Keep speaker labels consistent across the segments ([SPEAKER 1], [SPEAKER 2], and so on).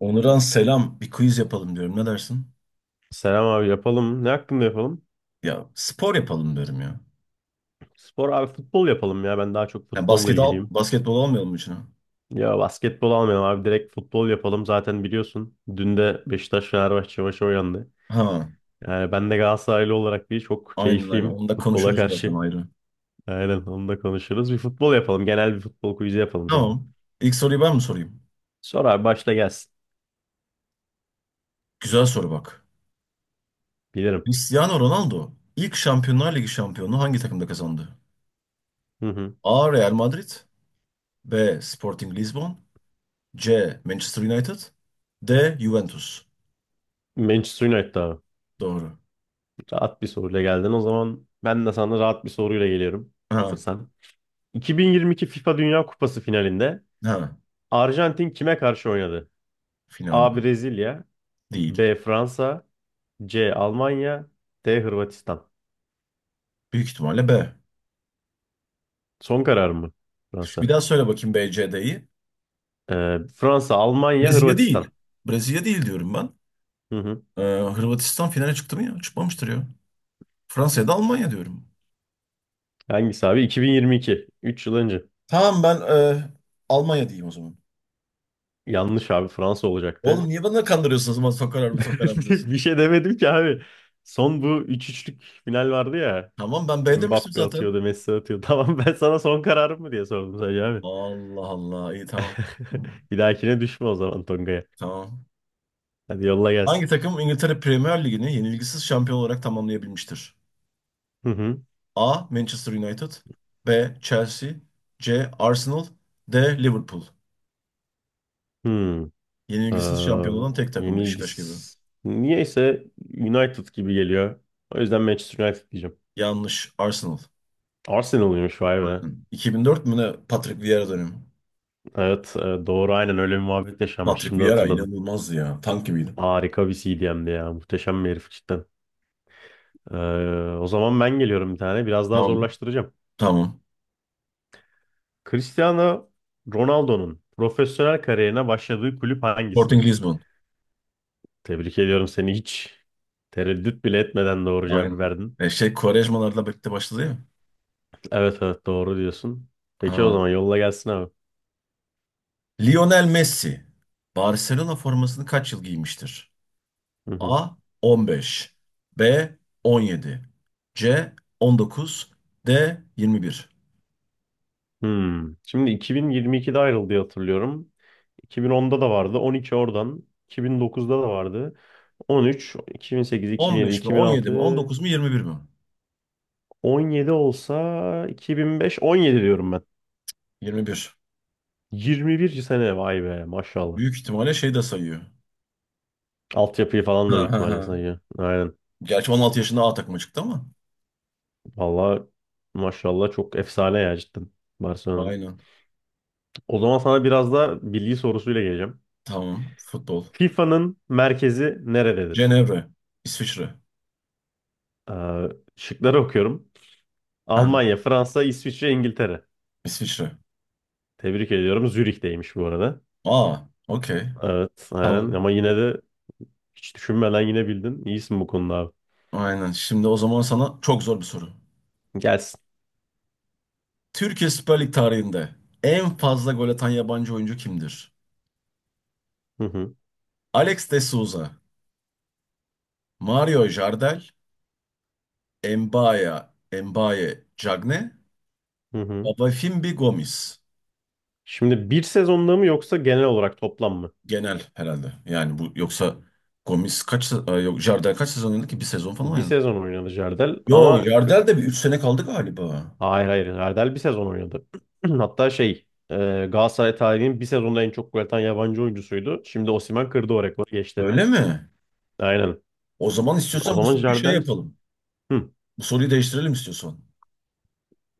[SPEAKER 1] Onuran selam. Bir quiz yapalım diyorum. Ne dersin?
[SPEAKER 2] Selam abi yapalım. Ne hakkında yapalım?
[SPEAKER 1] Ya spor yapalım diyorum ya.
[SPEAKER 2] Spor abi futbol yapalım ya. Ben daha çok
[SPEAKER 1] Ya
[SPEAKER 2] futbolla ilgiliyim.
[SPEAKER 1] basketbol almayalım mı içine?
[SPEAKER 2] Ya basketbol almayalım abi. Direkt futbol yapalım. Zaten biliyorsun. Dün de Beşiktaş Fenerbahçe maçı oynandı.
[SPEAKER 1] Ha,
[SPEAKER 2] Yani ben de Galatasaraylı olarak bir çok
[SPEAKER 1] aynen aynen.
[SPEAKER 2] keyifliyim
[SPEAKER 1] Onu da
[SPEAKER 2] futbola
[SPEAKER 1] konuşuruz zaten
[SPEAKER 2] karşı.
[SPEAKER 1] ayrı.
[SPEAKER 2] Aynen onu da konuşuruz. Bir futbol yapalım. Genel bir futbol quiz'i yapalım seninle.
[SPEAKER 1] Tamam. İlk soruyu ben mi sorayım?
[SPEAKER 2] Sor abi başla gelsin.
[SPEAKER 1] Güzel soru bak.
[SPEAKER 2] Bilirim.
[SPEAKER 1] Cristiano Ronaldo ilk Şampiyonlar Ligi şampiyonluğu hangi takımda kazandı?
[SPEAKER 2] Hı hı.
[SPEAKER 1] A. Real Madrid, B. Sporting Lisbon, C. Manchester United, D. Juventus.
[SPEAKER 2] Manchester United abi.
[SPEAKER 1] Doğru.
[SPEAKER 2] Rahat bir soruyla geldin. O zaman ben de sana rahat bir soruyla geliyorum.
[SPEAKER 1] Ha,
[SPEAKER 2] Hazırsan. 2022 FIFA Dünya Kupası finalinde
[SPEAKER 1] ha.
[SPEAKER 2] Arjantin kime karşı oynadı? A.
[SPEAKER 1] Finalde.
[SPEAKER 2] Brezilya,
[SPEAKER 1] Değil.
[SPEAKER 2] B. Fransa, C. Almanya, D. Hırvatistan.
[SPEAKER 1] Büyük ihtimalle B.
[SPEAKER 2] Son karar mı?
[SPEAKER 1] Bir
[SPEAKER 2] Fransa.
[SPEAKER 1] daha söyle bakayım B, C, D'yi.
[SPEAKER 2] Fransa, Almanya,
[SPEAKER 1] Brezilya
[SPEAKER 2] Hırvatistan.
[SPEAKER 1] değil. Brezilya değil diyorum ben.
[SPEAKER 2] Hı hı.
[SPEAKER 1] Ee, Hırvatistan finale çıktı mı ya? Çıkmamıştır ya. Fransa ya da Almanya diyorum.
[SPEAKER 2] Hangisi abi? 2022. Üç yıl önce.
[SPEAKER 1] Tamam ben e, Almanya diyeyim o zaman.
[SPEAKER 2] Yanlış abi Fransa
[SPEAKER 1] Oğlum
[SPEAKER 2] olacaktı.
[SPEAKER 1] niye bana kandırıyorsunuz? Ama sokar abi sokar abi diyorsun.
[SPEAKER 2] Bir şey demedim ki abi. Son bu üç üçlük final vardı ya.
[SPEAKER 1] Tamam ben B demiştim
[SPEAKER 2] Mbappe
[SPEAKER 1] zaten.
[SPEAKER 2] atıyordu, Messi atıyordu. Tamam ben sana son kararım mı diye sordum sadece abi.
[SPEAKER 1] Allah Allah iyi tamam.
[SPEAKER 2] Bir dahakine düşme o zaman Tonga'ya.
[SPEAKER 1] Tamam.
[SPEAKER 2] Hadi yolla
[SPEAKER 1] Hangi
[SPEAKER 2] gelsin.
[SPEAKER 1] takım İngiltere Premier Ligi'ni yenilgisiz şampiyon olarak tamamlayabilmiştir?
[SPEAKER 2] Hı hı.
[SPEAKER 1] A. Manchester United, B. Chelsea, C. Arsenal, D. Liverpool.
[SPEAKER 2] Hı. Ee,
[SPEAKER 1] Yenilgisiz şampiyon olan tek takım Beşiktaş gibi.
[SPEAKER 2] yenilgisiz. Niyeyse United gibi geliyor. O yüzden Manchester United diyeceğim.
[SPEAKER 1] Yanlış. Arsenal.
[SPEAKER 2] Arsenal'ıymış vay be.
[SPEAKER 1] Bakın, 2004 mü ne Patrick Vieira dönemi?
[SPEAKER 2] Evet, doğru aynen öyle bir muhabbet yaşanmış.
[SPEAKER 1] Patrick
[SPEAKER 2] Şimdi
[SPEAKER 1] Vieira
[SPEAKER 2] hatırladım.
[SPEAKER 1] inanılmazdı ya. Tank gibiydi.
[SPEAKER 2] Harika bir CDM'di ya. Muhteşem bir herif cidden. Ee, o zaman ben geliyorum bir tane. Biraz daha
[SPEAKER 1] Tamam.
[SPEAKER 2] zorlaştıracağım.
[SPEAKER 1] Tamam.
[SPEAKER 2] Cristiano Ronaldo'nun profesyonel kariyerine başladığı kulüp
[SPEAKER 1] Sporting
[SPEAKER 2] hangisidir?
[SPEAKER 1] Lisbon.
[SPEAKER 2] Tebrik ediyorum seni, hiç tereddüt bile etmeden doğru
[SPEAKER 1] Aynen.
[SPEAKER 2] cevabı verdin.
[SPEAKER 1] Quaresma'larla birlikte başladı ya.
[SPEAKER 2] Evet evet, doğru diyorsun. Peki o
[SPEAKER 1] Aa.
[SPEAKER 2] zaman yolla gelsin abi.
[SPEAKER 1] Lionel Messi. Barcelona formasını kaç yıl giymiştir?
[SPEAKER 2] Hı hı.
[SPEAKER 1] A. 15, B. 17, C. 19, D. 21.
[SPEAKER 2] Hmm. Şimdi 2022'de ayrıldı diye hatırlıyorum. 2010'da da vardı. 12 oradan. 2009'da da vardı. 13, 2008, 2007,
[SPEAKER 1] 15 mi 17 mi
[SPEAKER 2] 2006,
[SPEAKER 1] 19 mu 21 mi?
[SPEAKER 2] 17 olsa 2005, 17 diyorum ben.
[SPEAKER 1] 21.
[SPEAKER 2] 21 sene vay be maşallah.
[SPEAKER 1] Büyük ihtimalle şey de sayıyor.
[SPEAKER 2] Altyapıyı falan da
[SPEAKER 1] Ha,
[SPEAKER 2] büyük
[SPEAKER 1] ha,
[SPEAKER 2] ihtimalle
[SPEAKER 1] ha.
[SPEAKER 2] sayıyor. Aynen.
[SPEAKER 1] Gerçi 16 yaşında A takıma çıktı ama.
[SPEAKER 2] Valla maşallah çok efsane ya cidden Barcelona'nın.
[SPEAKER 1] Aynen.
[SPEAKER 2] O zaman sana biraz da bilgi sorusuyla geleceğim.
[SPEAKER 1] Tamam. Futbol.
[SPEAKER 2] FIFA'nın merkezi nerededir?
[SPEAKER 1] Cenevre. İsviçre.
[SPEAKER 2] Ee, şıkları okuyorum.
[SPEAKER 1] Ha,
[SPEAKER 2] Almanya, Fransa, İsviçre, İngiltere.
[SPEAKER 1] İsviçre.
[SPEAKER 2] Tebrik ediyorum. Zürih'teymiş bu arada.
[SPEAKER 1] Aa, okey.
[SPEAKER 2] Evet, aynen.
[SPEAKER 1] Tamam.
[SPEAKER 2] Ama yine de hiç düşünmeden yine bildin. İyisin bu konuda abi.
[SPEAKER 1] Aynen. Şimdi o zaman sana çok zor bir soru.
[SPEAKER 2] Gelsin.
[SPEAKER 1] Türkiye Süper Lig tarihinde en fazla gol atan yabancı oyuncu kimdir?
[SPEAKER 2] Hı hı,
[SPEAKER 1] Alex de Souza, Mario Jardel, Mbaya, Mbaye Diagne,
[SPEAKER 2] hı hı.
[SPEAKER 1] Obafimbi Gomis.
[SPEAKER 2] Şimdi bir sezonda mı yoksa genel olarak toplam mı?
[SPEAKER 1] Genel herhalde. Yani bu yoksa Gomis kaç yok Jardel kaç sezon oynadı ki? Bir sezon falan
[SPEAKER 2] Bir
[SPEAKER 1] oynadı.
[SPEAKER 2] sezon oynadı Jardel
[SPEAKER 1] Yo
[SPEAKER 2] ama
[SPEAKER 1] Jardel de bir 3 sene kaldı galiba.
[SPEAKER 2] hayır hayır, Jardel bir sezon oynadı. Hatta Galatasaray tarihinin bir sezonda en çok gol atan yabancı oyuncusuydu. Şimdi Osimhen kırdı o rekoru geçti.
[SPEAKER 1] Öyle mi?
[SPEAKER 2] Aynen.
[SPEAKER 1] O zaman
[SPEAKER 2] O
[SPEAKER 1] istiyorsan bu
[SPEAKER 2] zaman
[SPEAKER 1] soruyu şey
[SPEAKER 2] Jardel.
[SPEAKER 1] yapalım.
[SPEAKER 2] Hı.
[SPEAKER 1] Bu soruyu değiştirelim istiyorsan.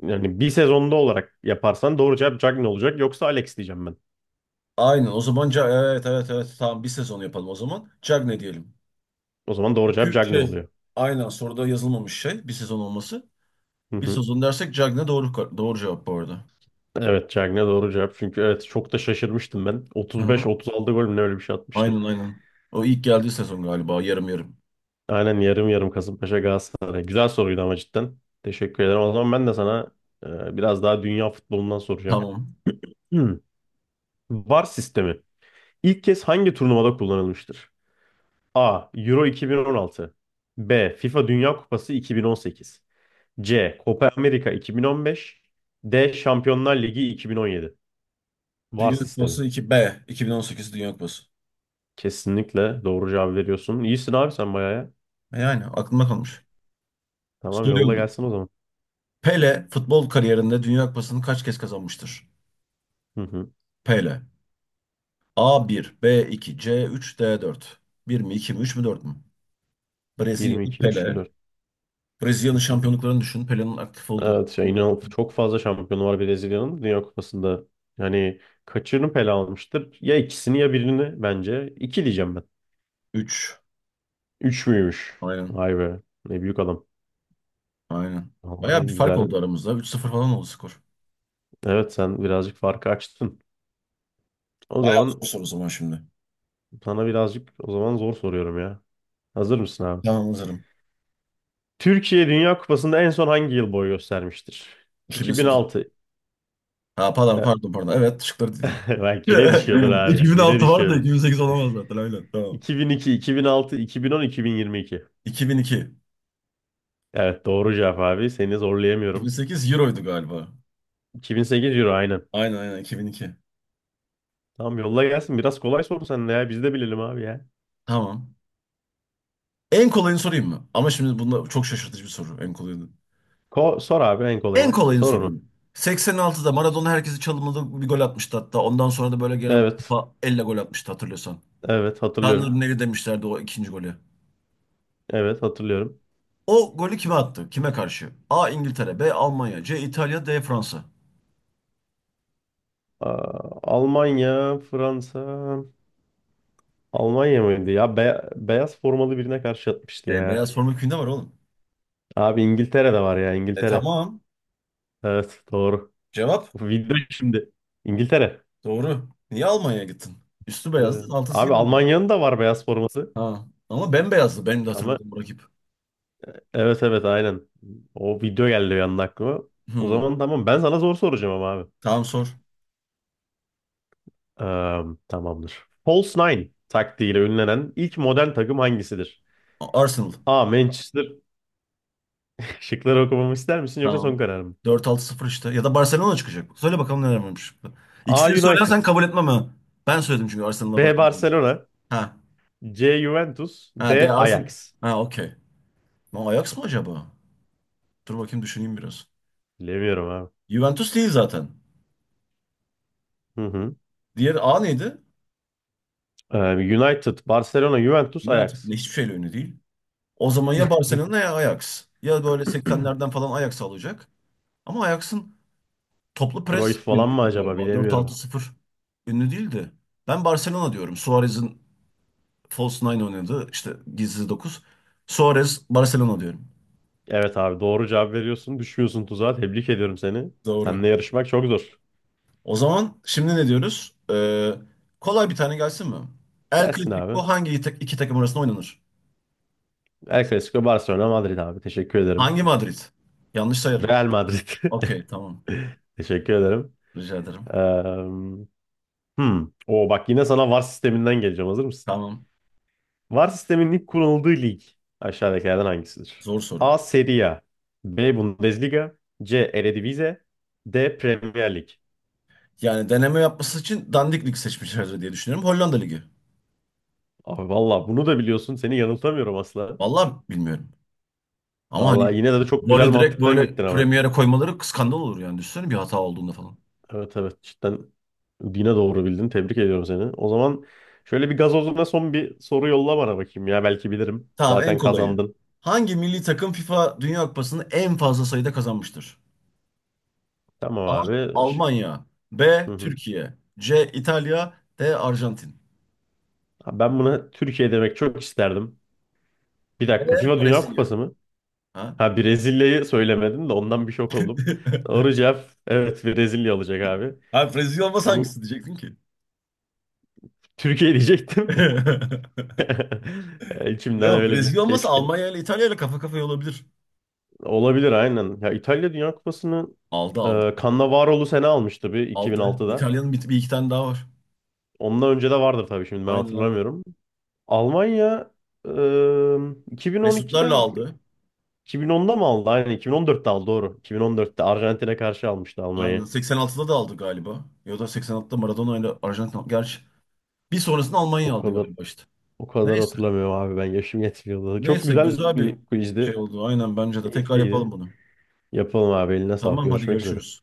[SPEAKER 2] Yani bir sezonda olarak yaparsan doğru cevap Cagney olacak. Yoksa Alex diyeceğim ben.
[SPEAKER 1] Aynen o zaman evet evet evet tamam bir sezon yapalım o zaman. Cagne diyelim.
[SPEAKER 2] O zaman doğru cevap
[SPEAKER 1] Çünkü
[SPEAKER 2] Cagney
[SPEAKER 1] şey
[SPEAKER 2] oluyor.
[SPEAKER 1] aynen soruda yazılmamış şey bir sezon olması.
[SPEAKER 2] Hı
[SPEAKER 1] Bir
[SPEAKER 2] hı.
[SPEAKER 1] sezon dersek Cagne doğru doğru cevap bu arada.
[SPEAKER 2] Evet Cagney doğru cevap. Çünkü evet çok da şaşırmıştım ben.
[SPEAKER 1] Hı hı.
[SPEAKER 2] 35-36 gol mü ne, öyle bir şey atmıştı.
[SPEAKER 1] Aynen aynen. O ilk geldiği sezon galiba yarım yarım.
[SPEAKER 2] Aynen yarım yarım Kasımpaşa Galatasaray. Güzel soruydu ama cidden. Teşekkür ederim. O zaman ben de sana biraz daha dünya futbolundan soracağım.
[SPEAKER 1] Tamam.
[SPEAKER 2] Hmm. VAR sistemi. İlk kez hangi turnuvada kullanılmıştır? A. Euro 2016, B. FIFA Dünya Kupası 2018, C. Copa America 2015, D. Şampiyonlar Ligi 2017. VAR
[SPEAKER 1] Dünya
[SPEAKER 2] sistemi.
[SPEAKER 1] Kupası iki b 2018 Dünya Kupası.
[SPEAKER 2] Kesinlikle doğru cevap veriyorsun. İyisin abi sen bayağı ya.
[SPEAKER 1] Yani aklımda kalmış.
[SPEAKER 2] Tamam yolla
[SPEAKER 1] Soruyorum.
[SPEAKER 2] gelsin o zaman.
[SPEAKER 1] Pele futbol kariyerinde Dünya Kupası'nı kaç kez kazanmıştır?
[SPEAKER 2] Hı hı.
[SPEAKER 1] Pele. A bir, B iki, C üç, D dört. Bir mi, 2 mi, 3 mü, 4 mü?
[SPEAKER 2] 1 mi
[SPEAKER 1] Brezilyalı
[SPEAKER 2] 2 mi 3 mü
[SPEAKER 1] Pele.
[SPEAKER 2] 4?
[SPEAKER 1] Brezilya'nın
[SPEAKER 2] Hı hı.
[SPEAKER 1] şampiyonluklarını düşün. Pele'nin aktif olduğu
[SPEAKER 2] Evet şey, inan çok fazla şampiyonu var Brezilya'nın Dünya Kupası'nda. Yani kaçını pele almıştır? Ya ikisini ya birini bence. İki diyeceğim ben.
[SPEAKER 1] 3.
[SPEAKER 2] 3 müymüş?
[SPEAKER 1] Aynen.
[SPEAKER 2] Vay be. Ne büyük adam.
[SPEAKER 1] Aynen. Bayağı bir
[SPEAKER 2] Vallahi
[SPEAKER 1] fark
[SPEAKER 2] güzel.
[SPEAKER 1] oldu aramızda. Üç sıfır falan oldu skor.
[SPEAKER 2] Evet sen birazcık farkı açtın. O
[SPEAKER 1] Bayağı
[SPEAKER 2] zaman
[SPEAKER 1] zor soru o zaman şimdi.
[SPEAKER 2] sana birazcık o zaman zor soruyorum ya. Hazır mısın abi?
[SPEAKER 1] Tamam hazırım.
[SPEAKER 2] Türkiye Dünya Kupası'nda en son hangi yıl boy göstermiştir?
[SPEAKER 1] 2008.
[SPEAKER 2] 2006.
[SPEAKER 1] Ha pardon pardon pardon. Evet şıkları dediğim.
[SPEAKER 2] Bak yine düşüyordun abi. Yine
[SPEAKER 1] 2006 var da
[SPEAKER 2] düşüyordun.
[SPEAKER 1] 2008 olamaz zaten aynen. Tamam.
[SPEAKER 2] 2002, 2006, 2010, 2022.
[SPEAKER 1] 2002.
[SPEAKER 2] Evet doğru cevap abi. Seni zorlayamıyorum.
[SPEAKER 1] 2008 Euro'ydu galiba.
[SPEAKER 2] 2008 Euro aynen.
[SPEAKER 1] Aynen aynen 2002.
[SPEAKER 2] Tamam yolla gelsin. Biraz kolay sor sen de ya. Biz de bilelim abi ya.
[SPEAKER 1] Tamam. En kolayını sorayım mı? Ama şimdi bunda çok şaşırtıcı bir soru. En kolayını.
[SPEAKER 2] Sor abi en
[SPEAKER 1] En
[SPEAKER 2] kolayını.
[SPEAKER 1] kolayını
[SPEAKER 2] Sor onu.
[SPEAKER 1] soruyorum. 86'da Maradona herkesi çalımladı bir gol atmıştı hatta. Ondan sonra da böyle gelen
[SPEAKER 2] Evet.
[SPEAKER 1] kupa elle gol atmıştı hatırlıyorsan.
[SPEAKER 2] Evet hatırlıyorum.
[SPEAKER 1] Tanrı'nın eli demişlerdi o ikinci golü.
[SPEAKER 2] Evet hatırlıyorum.
[SPEAKER 1] O golü kime attı? Kime karşı? A. İngiltere, B. Almanya, C. İtalya, D. Fransa.
[SPEAKER 2] Aa, Almanya, Fransa. Almanya mıydı? Ya, beyaz formalı birine karşı atmıştı
[SPEAKER 1] E,
[SPEAKER 2] ya.
[SPEAKER 1] beyaz forma köyünde var oğlum.
[SPEAKER 2] Abi İngiltere'de var ya,
[SPEAKER 1] E
[SPEAKER 2] İngiltere.
[SPEAKER 1] tamam.
[SPEAKER 2] Evet doğru.
[SPEAKER 1] Cevap
[SPEAKER 2] Video şimdi. İngiltere.
[SPEAKER 1] doğru. Niye Almanya'ya gittin? Üstü beyazdı,
[SPEAKER 2] Dedim.
[SPEAKER 1] altısı
[SPEAKER 2] Abi
[SPEAKER 1] yeni.
[SPEAKER 2] Almanya'nın da var beyaz forması.
[SPEAKER 1] Ha. Ama bembeyazdı benim de
[SPEAKER 2] Tamam.
[SPEAKER 1] hatırladığım bu rakip.
[SPEAKER 2] Evet evet aynen. O video geldi bir anda aklıma. O
[SPEAKER 1] Hmm.
[SPEAKER 2] zaman tamam, ben sana zor soracağım ama abi.
[SPEAKER 1] Tamam sor.
[SPEAKER 2] Tamamdır. False Nine taktiğiyle ünlenen ilk modern takım hangisidir?
[SPEAKER 1] Arsenal.
[SPEAKER 2] A. Manchester. Şıkları okumamı ister misin yoksa son
[SPEAKER 1] Tamam.
[SPEAKER 2] karar mı?
[SPEAKER 1] Dört altı sıfır işte. Ya da Barcelona çıkacak. Söyle bakalım neler varmış.
[SPEAKER 2] A.
[SPEAKER 1] İkisini
[SPEAKER 2] United,
[SPEAKER 1] söylersen kabul etmem ha. Ben söyledim çünkü Arsenal'la
[SPEAKER 2] B.
[SPEAKER 1] Barcelona.
[SPEAKER 2] Barcelona,
[SPEAKER 1] Ha.
[SPEAKER 2] C. Juventus,
[SPEAKER 1] Ha de
[SPEAKER 2] D.
[SPEAKER 1] Arsenal.
[SPEAKER 2] Ajax.
[SPEAKER 1] Ha okey. Lan Ajax mı acaba? Dur bakayım düşüneyim biraz.
[SPEAKER 2] Bilemiyorum abi.
[SPEAKER 1] Juventus değil zaten.
[SPEAKER 2] Hı hı.
[SPEAKER 1] Diğer A neydi?
[SPEAKER 2] Ee, United, Barcelona, Juventus,
[SPEAKER 1] United.
[SPEAKER 2] Ajax.
[SPEAKER 1] Ne, hiçbir şeyle ünlü değil. O zaman ya Barcelona ya Ajax. Ya böyle 80'lerden falan Ajax alacak. Ama Ajax'ın toplu pres
[SPEAKER 2] Cruyff falan mı
[SPEAKER 1] ünlüydü
[SPEAKER 2] acaba,
[SPEAKER 1] galiba. Dört altı
[SPEAKER 2] bilemiyorum.
[SPEAKER 1] sıfır ünlü değildi. Ben Barcelona diyorum. Suarez'in False Nine oynadı. İşte Gizli 9. Suarez Barcelona diyorum.
[SPEAKER 2] Evet abi doğru cevap veriyorsun. Düşmüyorsun tuzağa. Tebrik ediyorum seni.
[SPEAKER 1] Doğru.
[SPEAKER 2] Seninle yarışmak çok zor.
[SPEAKER 1] O zaman şimdi ne diyoruz? Kolay bir tane gelsin mi? El
[SPEAKER 2] Gelsin
[SPEAKER 1] Clasico
[SPEAKER 2] abi.
[SPEAKER 1] hangi iki takım arasında oynanır?
[SPEAKER 2] El Clasico Barcelona Madrid abi. Teşekkür ederim.
[SPEAKER 1] Hangi Madrid? Yanlış sayarım.
[SPEAKER 2] Real Madrid.
[SPEAKER 1] Okey tamam.
[SPEAKER 2] Teşekkür ederim.
[SPEAKER 1] Rica ederim.
[SPEAKER 2] Ee, hmm. O bak yine sana VAR sisteminden geleceğim. Hazır mısın?
[SPEAKER 1] Tamam.
[SPEAKER 2] VAR sisteminin ilk kurulduğu lig aşağıdakilerden hangisidir?
[SPEAKER 1] Zor soru.
[SPEAKER 2] A. Serie A, B. Bundesliga, C. Eredivisie, D. Premier Lig.
[SPEAKER 1] Yani deneme yapması için Dandik Lig seçmişler diye düşünüyorum. Hollanda Ligi.
[SPEAKER 2] Abi valla bunu da biliyorsun. Seni yanıltamıyorum asla.
[SPEAKER 1] Vallahi bilmiyorum. Ama hani
[SPEAKER 2] Valla yine de çok
[SPEAKER 1] bu
[SPEAKER 2] güzel
[SPEAKER 1] arada direkt
[SPEAKER 2] mantıktan
[SPEAKER 1] böyle
[SPEAKER 2] gittin ama.
[SPEAKER 1] Premier'e koymaları skandal olur yani. Düşünsene bir hata olduğunda falan.
[SPEAKER 2] Evet evet cidden yine doğru bildin. Tebrik ediyorum seni. O zaman şöyle bir gazozuna son bir soru yolla bana bakayım ya. Belki bilirim.
[SPEAKER 1] Tamam en
[SPEAKER 2] Zaten
[SPEAKER 1] kolayı.
[SPEAKER 2] kazandın.
[SPEAKER 1] Hangi milli takım FIFA Dünya Kupası'nı en fazla sayıda kazanmıştır?
[SPEAKER 2] Tamam
[SPEAKER 1] A.
[SPEAKER 2] abi. Şık-
[SPEAKER 1] Almanya, B.
[SPEAKER 2] Hı hı.
[SPEAKER 1] Türkiye, C. İtalya, D. Arjantin,
[SPEAKER 2] Abi ben buna Türkiye demek çok isterdim. Bir dakika.
[SPEAKER 1] E.
[SPEAKER 2] FIFA Dünya
[SPEAKER 1] Brezilya.
[SPEAKER 2] Kupası mı?
[SPEAKER 1] Ha?
[SPEAKER 2] Ha, Brezilya'yı söylemedin de ondan bir şok oldum. Doğru cevap, evet Brezilya olacak abi.
[SPEAKER 1] Ha Brezilya olmasa
[SPEAKER 2] Bu
[SPEAKER 1] hangisi diyecektin ki?
[SPEAKER 2] Türkiye diyecektim. E, İçimden
[SPEAKER 1] Yok
[SPEAKER 2] öyle bir
[SPEAKER 1] Brezilya olmasa
[SPEAKER 2] keşke.
[SPEAKER 1] Almanya ile İtalya ile kafa kafaya olabilir.
[SPEAKER 2] Olabilir aynen. Ya İtalya Dünya Kupası'nı
[SPEAKER 1] Aldı aldı.
[SPEAKER 2] Cannavaro'lu sene almıştı bir
[SPEAKER 1] Aldı.
[SPEAKER 2] 2006'da.
[SPEAKER 1] İtalya'nın bir iki tane daha var.
[SPEAKER 2] Ondan önce de vardır tabii, şimdi ben
[SPEAKER 1] Aynen aynen.
[SPEAKER 2] hatırlamıyorum. Almanya e,
[SPEAKER 1] Mesutlarla
[SPEAKER 2] 2012'de
[SPEAKER 1] aldı.
[SPEAKER 2] 2010'da mı aldı? Aynen 2014'te aldı doğru. 2014'te Arjantin'e karşı almıştı
[SPEAKER 1] Aynen.
[SPEAKER 2] Almanya'yı.
[SPEAKER 1] 86'da da aldı galiba. Ya da 86'da Maradona ile Arjantin aldı. Gerçi bir sonrasında Almanya
[SPEAKER 2] O
[SPEAKER 1] aldı
[SPEAKER 2] kadar
[SPEAKER 1] galiba işte.
[SPEAKER 2] O kadar
[SPEAKER 1] Neyse.
[SPEAKER 2] hatırlamıyorum abi, ben yaşım yetmiyordu. Çok
[SPEAKER 1] Neyse
[SPEAKER 2] güzel
[SPEAKER 1] güzel
[SPEAKER 2] bir
[SPEAKER 1] bir
[SPEAKER 2] quizdi.
[SPEAKER 1] şey oldu. Aynen bence de. Tekrar yapalım
[SPEAKER 2] Keyifliydi.
[SPEAKER 1] bunu.
[SPEAKER 2] Yapalım abi, eline sağlık.
[SPEAKER 1] Tamam hadi
[SPEAKER 2] Görüşmek üzere.
[SPEAKER 1] görüşürüz.